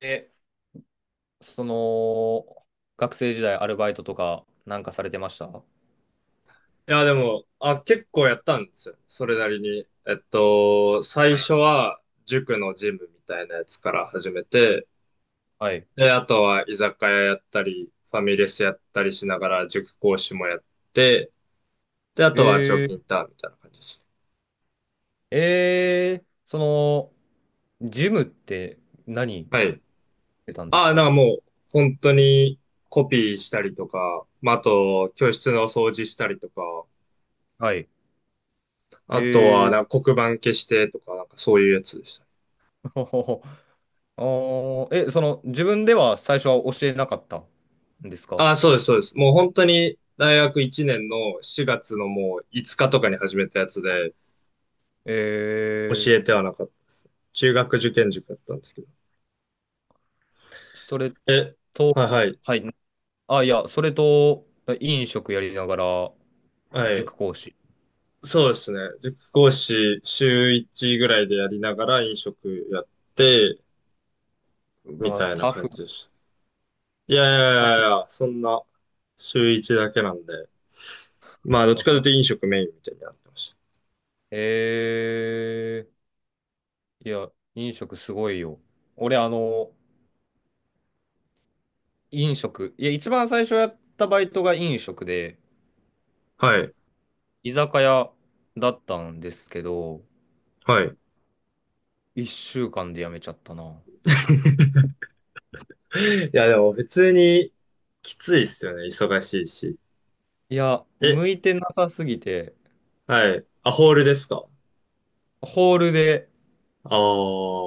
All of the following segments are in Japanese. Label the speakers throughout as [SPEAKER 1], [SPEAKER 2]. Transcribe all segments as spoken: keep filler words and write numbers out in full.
[SPEAKER 1] でその、学生時代アルバイトとかなんかされてました？
[SPEAKER 2] いや、でも、あ、結構やったんですよ。それなりに。えっと、最初は塾のジムみたいなやつから始めて、
[SPEAKER 1] はい。
[SPEAKER 2] で、あとは居酒屋やったり、ファミレスやったりしながら塾講師もやって、で、あとは長期
[SPEAKER 1] え
[SPEAKER 2] イ
[SPEAKER 1] ー、
[SPEAKER 2] ンターンみたいな感じですね。
[SPEAKER 1] えー、その、ジムって何し
[SPEAKER 2] はい。
[SPEAKER 1] てたんです
[SPEAKER 2] あ、な
[SPEAKER 1] か？
[SPEAKER 2] んかもう、本当にコピーしたりとか、まあ、あと、教室の掃除したりとか、
[SPEAKER 1] はい。え
[SPEAKER 2] あとは、
[SPEAKER 1] ー、
[SPEAKER 2] なんか黒板消してとか、なんかそういうやつです。
[SPEAKER 1] ほほほあーえ、その、自分では最初は教えなかったんですか？
[SPEAKER 2] あ、そうです、そうです。もう本当に大学いちねんのしがつのもういつかとかに始めたやつで、
[SPEAKER 1] え
[SPEAKER 2] 教え
[SPEAKER 1] ー、
[SPEAKER 2] てはなかったです。中学受験塾だったんですけど。
[SPEAKER 1] それ
[SPEAKER 2] え、はい
[SPEAKER 1] と、
[SPEAKER 2] はい。
[SPEAKER 1] はい。あ、いや、それと、飲食やりながら、
[SPEAKER 2] はい。
[SPEAKER 1] 塾講師。
[SPEAKER 2] そうですね。塾講師週いちぐらいでやりながら飲食やって、
[SPEAKER 1] う
[SPEAKER 2] み
[SPEAKER 1] わ、
[SPEAKER 2] たいな
[SPEAKER 1] タフ、
[SPEAKER 2] 感じです。いやいやい
[SPEAKER 1] タ
[SPEAKER 2] や
[SPEAKER 1] フ。
[SPEAKER 2] いや、そんな週いちだけなんで。まあ、どっちかというと飲 食メインみたいになってまし
[SPEAKER 1] えー、いや、飲食すごいよ。俺、あの、飲食。いや、一番最初やったバイトが飲食で、
[SPEAKER 2] た。はい。
[SPEAKER 1] 居酒屋だったんですけど、
[SPEAKER 2] はい。
[SPEAKER 1] 一週間で辞めちゃったな。
[SPEAKER 2] いや、でも普通にきついっすよね。忙しいし。
[SPEAKER 1] いや、
[SPEAKER 2] え、
[SPEAKER 1] 向いてなさすぎて、
[SPEAKER 2] はい。あ、ホールですか？
[SPEAKER 1] ホールで、
[SPEAKER 2] ああ、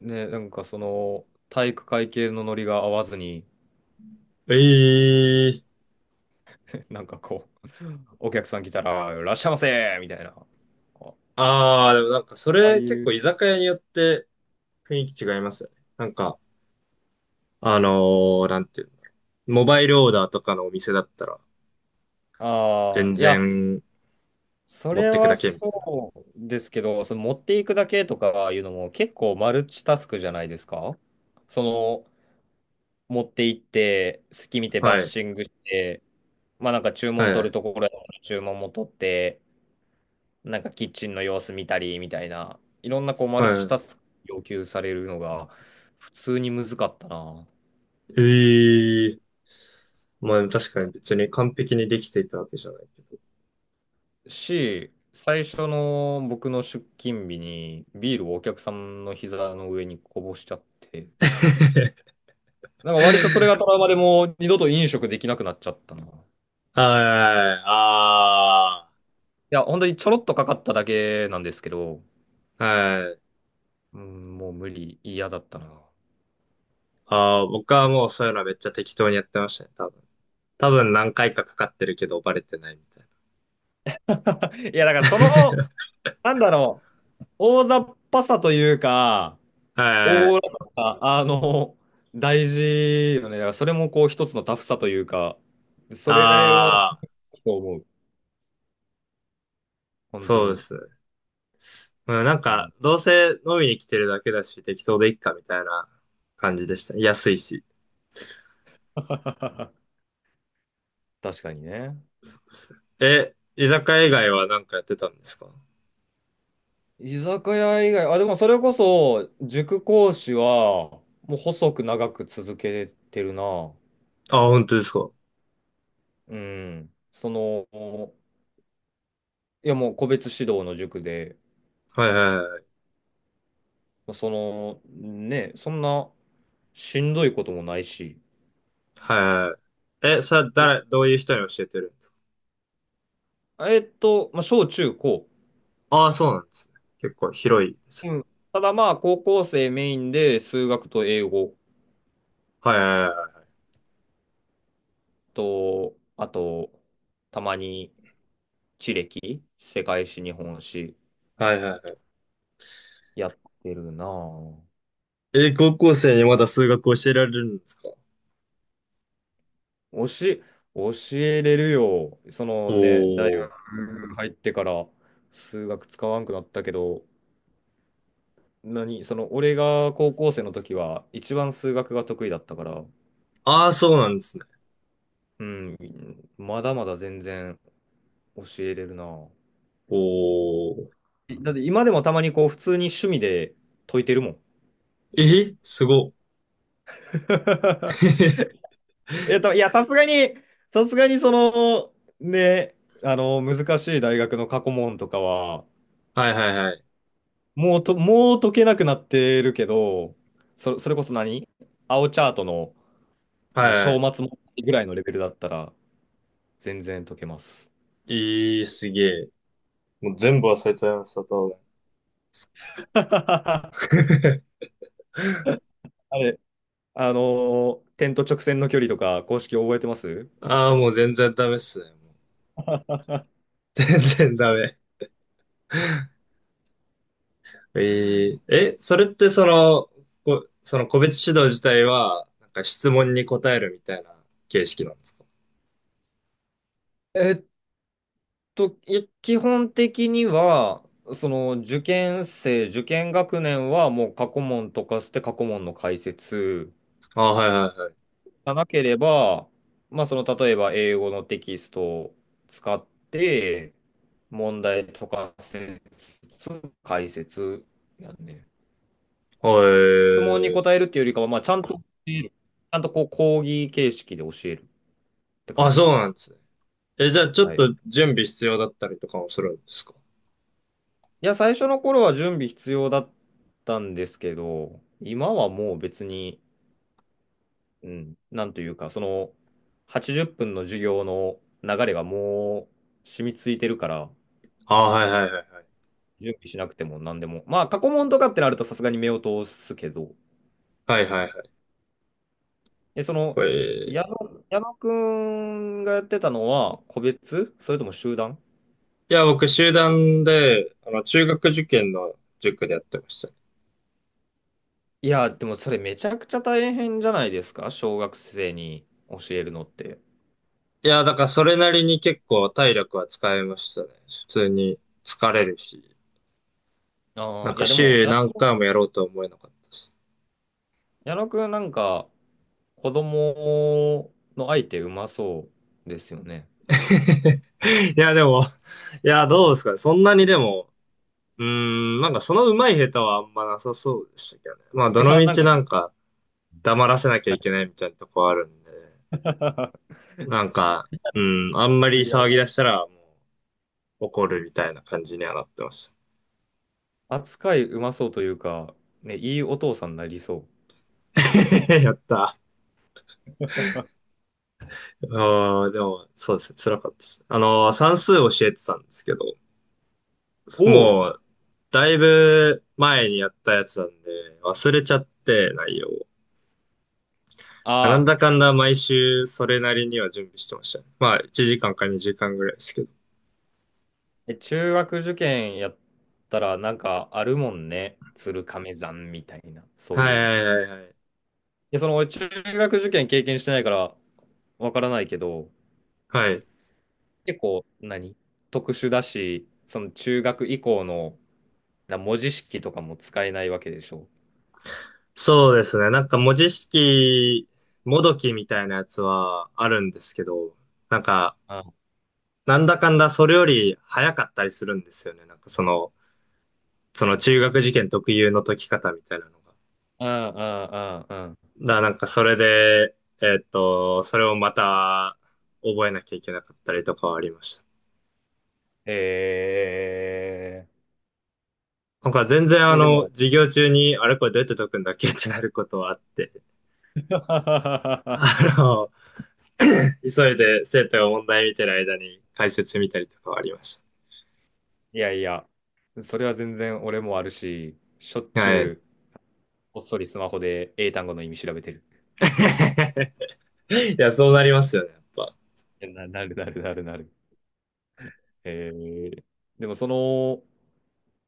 [SPEAKER 1] ね、なんかその、体育会系のノリが合わずに、
[SPEAKER 2] ええー、
[SPEAKER 1] なんかこう、お客さん来たら、いらっしゃいませみたいな。あ、
[SPEAKER 2] ああ、でもなんかそ
[SPEAKER 1] ああ
[SPEAKER 2] れ
[SPEAKER 1] い
[SPEAKER 2] 結
[SPEAKER 1] う、
[SPEAKER 2] 構居酒屋によって雰囲気違いますよね。なんか、あのー、なんていうの。モバイルオーダーとかのお店だったら
[SPEAKER 1] ああ、
[SPEAKER 2] 全
[SPEAKER 1] いや、
[SPEAKER 2] 然
[SPEAKER 1] そ
[SPEAKER 2] 持っ
[SPEAKER 1] れ
[SPEAKER 2] てくだ
[SPEAKER 1] は
[SPEAKER 2] けみたいな。
[SPEAKER 1] そうですけど、その持っていくだけとかいうのも結構マルチタスクじゃないですか？その、持って行って、隙見てバッ
[SPEAKER 2] はい。
[SPEAKER 1] シングして、まあなんか注
[SPEAKER 2] は
[SPEAKER 1] 文
[SPEAKER 2] いは
[SPEAKER 1] 取る
[SPEAKER 2] い。
[SPEAKER 1] ところや注文も取って、なんかキッチンの様子見たりみたいな、いろんなこうマ
[SPEAKER 2] は
[SPEAKER 1] ルチタ
[SPEAKER 2] い。
[SPEAKER 1] スク要求されるのが普通に難かったな。
[SPEAKER 2] ええー、まあでも確かに
[SPEAKER 1] な
[SPEAKER 2] 別に完璧にできていたわけじゃないけど。
[SPEAKER 1] し、最初の僕の出勤日にビールをお客さんの膝の上にこぼしちゃって、なんか割とそれがトラウマでもう二度と飲食できなくなっちゃったな。い
[SPEAKER 2] はい。あ
[SPEAKER 1] や、本当にちょろっとかかっただけなんですけど、
[SPEAKER 2] あ。はい。
[SPEAKER 1] うん、もう無理、嫌だったな。
[SPEAKER 2] ああ、僕はもうそういうのはめっちゃ適当にやってましたね、多分。多分何回かかかってるけどバレてないみたい
[SPEAKER 1] いや、だからその、なんだろう、大雑把さというか、
[SPEAKER 2] な。はいは
[SPEAKER 1] 大ら
[SPEAKER 2] い。
[SPEAKER 1] かさ、あの、大事よね。だからそれもこう一つのタフさというか、それは、
[SPEAKER 2] ああ、
[SPEAKER 1] と思う。本当
[SPEAKER 2] そうで
[SPEAKER 1] に。
[SPEAKER 2] すね。うん、なん
[SPEAKER 1] う
[SPEAKER 2] か、
[SPEAKER 1] ん、
[SPEAKER 2] どうせ飲みに来てるだけだし、適当でいっかみたいな感じでした。安いし。
[SPEAKER 1] 確かにね。
[SPEAKER 2] え、居酒屋以外は何かやってたんですか？
[SPEAKER 1] 居酒屋以外、あ、でもそれこそ、塾講師は、もう細く長く続けてるな。
[SPEAKER 2] あ、本当ですか。は
[SPEAKER 1] うん。その、いやもう個別指導の塾で、
[SPEAKER 2] いはいはい。
[SPEAKER 1] その、ね、そんなしんどいこともないし。
[SPEAKER 2] はいはい。え、それは
[SPEAKER 1] い
[SPEAKER 2] 誰、どういう人に教えてるんですか？
[SPEAKER 1] えっと、まあ、小中高。
[SPEAKER 2] ああ、そうなんですね。結構広いです
[SPEAKER 1] う
[SPEAKER 2] ね。
[SPEAKER 1] ん。ただまあ、高校生メインで数学と英語
[SPEAKER 2] はいはいは
[SPEAKER 1] と、あと、たまに地歴、世界史、日本史
[SPEAKER 2] い。はいはいはい。
[SPEAKER 1] やってるな。
[SPEAKER 2] え、高校生にまだ数学教えられるんですか？
[SPEAKER 1] 教え、教えれるよ。そのね、大
[SPEAKER 2] おー。
[SPEAKER 1] 学入ってから数学使わんくなったけど、何、その俺が高校生の時は一番数学が得意だったから、
[SPEAKER 2] ああ、そうなんですね。
[SPEAKER 1] うん、まだまだ全然教えれるな。
[SPEAKER 2] おー。
[SPEAKER 1] だって今でもたまにこう普通に趣味で解いてるもん。
[SPEAKER 2] えすごっ。
[SPEAKER 1] えっと、いや、さすがに、さすがにその、ね、あの、難しい大学の過去問とかは、
[SPEAKER 2] はいはいはい。
[SPEAKER 1] もうと、もう解けなくなってるけど、そ、それこそ何青チャートの、
[SPEAKER 2] は
[SPEAKER 1] ね、
[SPEAKER 2] いは
[SPEAKER 1] 章
[SPEAKER 2] い。
[SPEAKER 1] 末問題ぐらいのレベルだったら全然解けます。
[SPEAKER 2] いい、すげえ。もう全部忘れちゃいました、多分。
[SPEAKER 1] あ れ、あのー、点と直線の距離とか公式覚えてます？
[SPEAKER 2] ああ、もう全然ダメっすね。もう 全然ダメ。えええ、それってその、こ、その個別指導自体は、なんか質問に答えるみたいな形式なんですか？
[SPEAKER 1] えっと、い基本的には、その受験生、受験学年はもう過去問とかして過去問の解説。
[SPEAKER 2] あ、はいはいはい。
[SPEAKER 1] がなければ、まあ、その例えば英語のテキストを使って問題とかせつ解説やんね。
[SPEAKER 2] は
[SPEAKER 1] 質問に
[SPEAKER 2] い。
[SPEAKER 1] 答えるっていうよりかは、まあ、ちゃんと教える、ちゃんとこう講義形式で教えるって感
[SPEAKER 2] あ、
[SPEAKER 1] じ
[SPEAKER 2] そ
[SPEAKER 1] で
[SPEAKER 2] うなん
[SPEAKER 1] す。
[SPEAKER 2] ですね。え、じゃあちょっ
[SPEAKER 1] はい。
[SPEAKER 2] と準備必要だったりとかもするんですか？
[SPEAKER 1] いや、最初の頃は準備必要だったんですけど、今はもう別に、うん、なんというか、そのはちじゅっぷんの授業の流れがもう染みついてるから、
[SPEAKER 2] あ、はいはいはいはい。
[SPEAKER 1] 準備しなくても何でも。まあ、過去問とかってなるとさすがに目を通すけど、
[SPEAKER 2] はいはいは
[SPEAKER 1] え、そ
[SPEAKER 2] い。
[SPEAKER 1] の、
[SPEAKER 2] へ
[SPEAKER 1] 矢
[SPEAKER 2] え。
[SPEAKER 1] 野、矢野くんがやってたのは個別それとも集団？
[SPEAKER 2] いや、僕、集団で、あの、中学受験の塾でやってました。い
[SPEAKER 1] いや、でもそれめちゃくちゃ大変じゃないですか？小学生に教えるのって。
[SPEAKER 2] や、だからそれなりに結構体力は使えましたね。普通に疲れるし、
[SPEAKER 1] あ
[SPEAKER 2] な
[SPEAKER 1] あ、
[SPEAKER 2] ん
[SPEAKER 1] い
[SPEAKER 2] か
[SPEAKER 1] やでも、
[SPEAKER 2] 週
[SPEAKER 1] や
[SPEAKER 2] 何回もやろうとは思えなかったし。
[SPEAKER 1] 矢野くんなんか子供の相手うまそうですよね。
[SPEAKER 2] いや、でも、いや、どうですかね。そんなにでも、うーん、なんかその上手い下手はあんまなさそうでしたけどね。まあ、
[SPEAKER 1] い
[SPEAKER 2] どの
[SPEAKER 1] や、
[SPEAKER 2] み
[SPEAKER 1] なん
[SPEAKER 2] ち
[SPEAKER 1] か、は
[SPEAKER 2] な
[SPEAKER 1] い。
[SPEAKER 2] んか黙らせなきゃいけないみたいなとこあるんで、なんか、うん、あんま
[SPEAKER 1] い
[SPEAKER 2] り
[SPEAKER 1] や、
[SPEAKER 2] 騒ぎ 出したらもう怒るみたいな感じにはなってましたね。
[SPEAKER 1] 扱いうまそうというか、ね、いいお父さんになりそ
[SPEAKER 2] やった。ああ、でも、そうですね。辛かったです。あの、算数教えてたんですけど、
[SPEAKER 1] う。おお、
[SPEAKER 2] もう、だいぶ前にやったやつなんで、忘れちゃって、内容を。なん
[SPEAKER 1] あ
[SPEAKER 2] だ
[SPEAKER 1] あ。
[SPEAKER 2] かんだ毎週、それなりには準備してましたね。まあ、いちじかんかにじかんぐらいですけど。
[SPEAKER 1] え、中学受験やったら、なんかあるもんね。鶴亀山みたいな、そう
[SPEAKER 2] は
[SPEAKER 1] い
[SPEAKER 2] い
[SPEAKER 1] うの。
[SPEAKER 2] はいはいはい。
[SPEAKER 1] で、その俺、中学受験経験してないから、わからないけど、
[SPEAKER 2] はい。
[SPEAKER 1] 結構何、特殊だし、その中学以降のな文字式とかも使えないわけでしょ。
[SPEAKER 2] そうですね。なんか文字式、もどきみたいなやつはあるんですけど、なんか、
[SPEAKER 1] あん、
[SPEAKER 2] なんだかんだそれより早かったりするんですよね。なんかその、その中学受験特有の解き方みたいなのが。
[SPEAKER 1] あん、あん、あん、
[SPEAKER 2] だからなんかそれで、えっと、それをまた覚えなきゃいけなかったりとかはありました。
[SPEAKER 1] え
[SPEAKER 2] なんか全然
[SPEAKER 1] ー、
[SPEAKER 2] あ
[SPEAKER 1] え、で
[SPEAKER 2] の、
[SPEAKER 1] も、
[SPEAKER 2] 授業中に、あれこれどうやって解くんだっけってなることはあって、あ の、急いで生徒が問題見てる間に解説見たりとかはありまし
[SPEAKER 1] いやいや、それは全然俺もあるし、しょっ
[SPEAKER 2] た。
[SPEAKER 1] ち
[SPEAKER 2] は
[SPEAKER 1] ゅ
[SPEAKER 2] い。
[SPEAKER 1] う、こっそりスマホで英単語の意味調べてる。
[SPEAKER 2] いや、そうなりますよね、やっぱ。
[SPEAKER 1] な、なるなるなるなる。えー、でもその、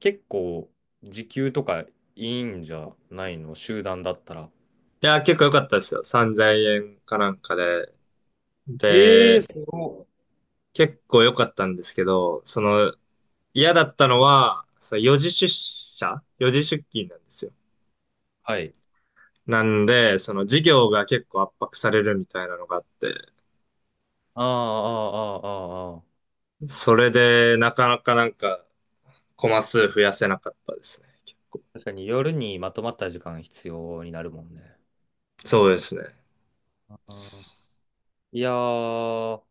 [SPEAKER 1] 結構、時給とかいいんじゃないの集団だったら。
[SPEAKER 2] いや、結構良かったですよ。さんぜんえんかなんかで。
[SPEAKER 1] ええ
[SPEAKER 2] で、
[SPEAKER 1] すごい。
[SPEAKER 2] 結構良かったんですけど、その、嫌だったのは、その時出社よじ出勤なんですよ。
[SPEAKER 1] はい。
[SPEAKER 2] なんで、その授業が結構圧迫されるみたいなのがあって、
[SPEAKER 1] ああ、ああ、ああ、ああ。
[SPEAKER 2] それでなかなかなんかコマ数増やせなかったですね。結構。
[SPEAKER 1] 確かに夜にまとまった時間必要になるもんね。
[SPEAKER 2] そうですね。
[SPEAKER 1] あー、いやー、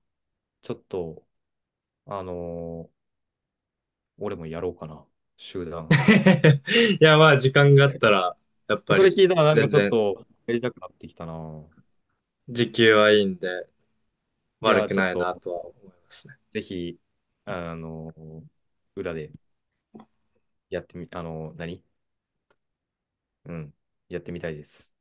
[SPEAKER 1] ちょっと、あのー、俺もやろうかな。集団。
[SPEAKER 2] いや、まあ時間があったら、やっぱ
[SPEAKER 1] それ
[SPEAKER 2] り
[SPEAKER 1] 聞いたらなんか
[SPEAKER 2] 全
[SPEAKER 1] ちょっ
[SPEAKER 2] 然
[SPEAKER 1] とやりたくなってきたな。
[SPEAKER 2] 時給はいいんで
[SPEAKER 1] い
[SPEAKER 2] 悪
[SPEAKER 1] やー、
[SPEAKER 2] く
[SPEAKER 1] ちょっ
[SPEAKER 2] ない
[SPEAKER 1] と、
[SPEAKER 2] なとは思います。
[SPEAKER 1] ぜひ、あのー、裏でやってみ、あの、何。うん。やってみたいです。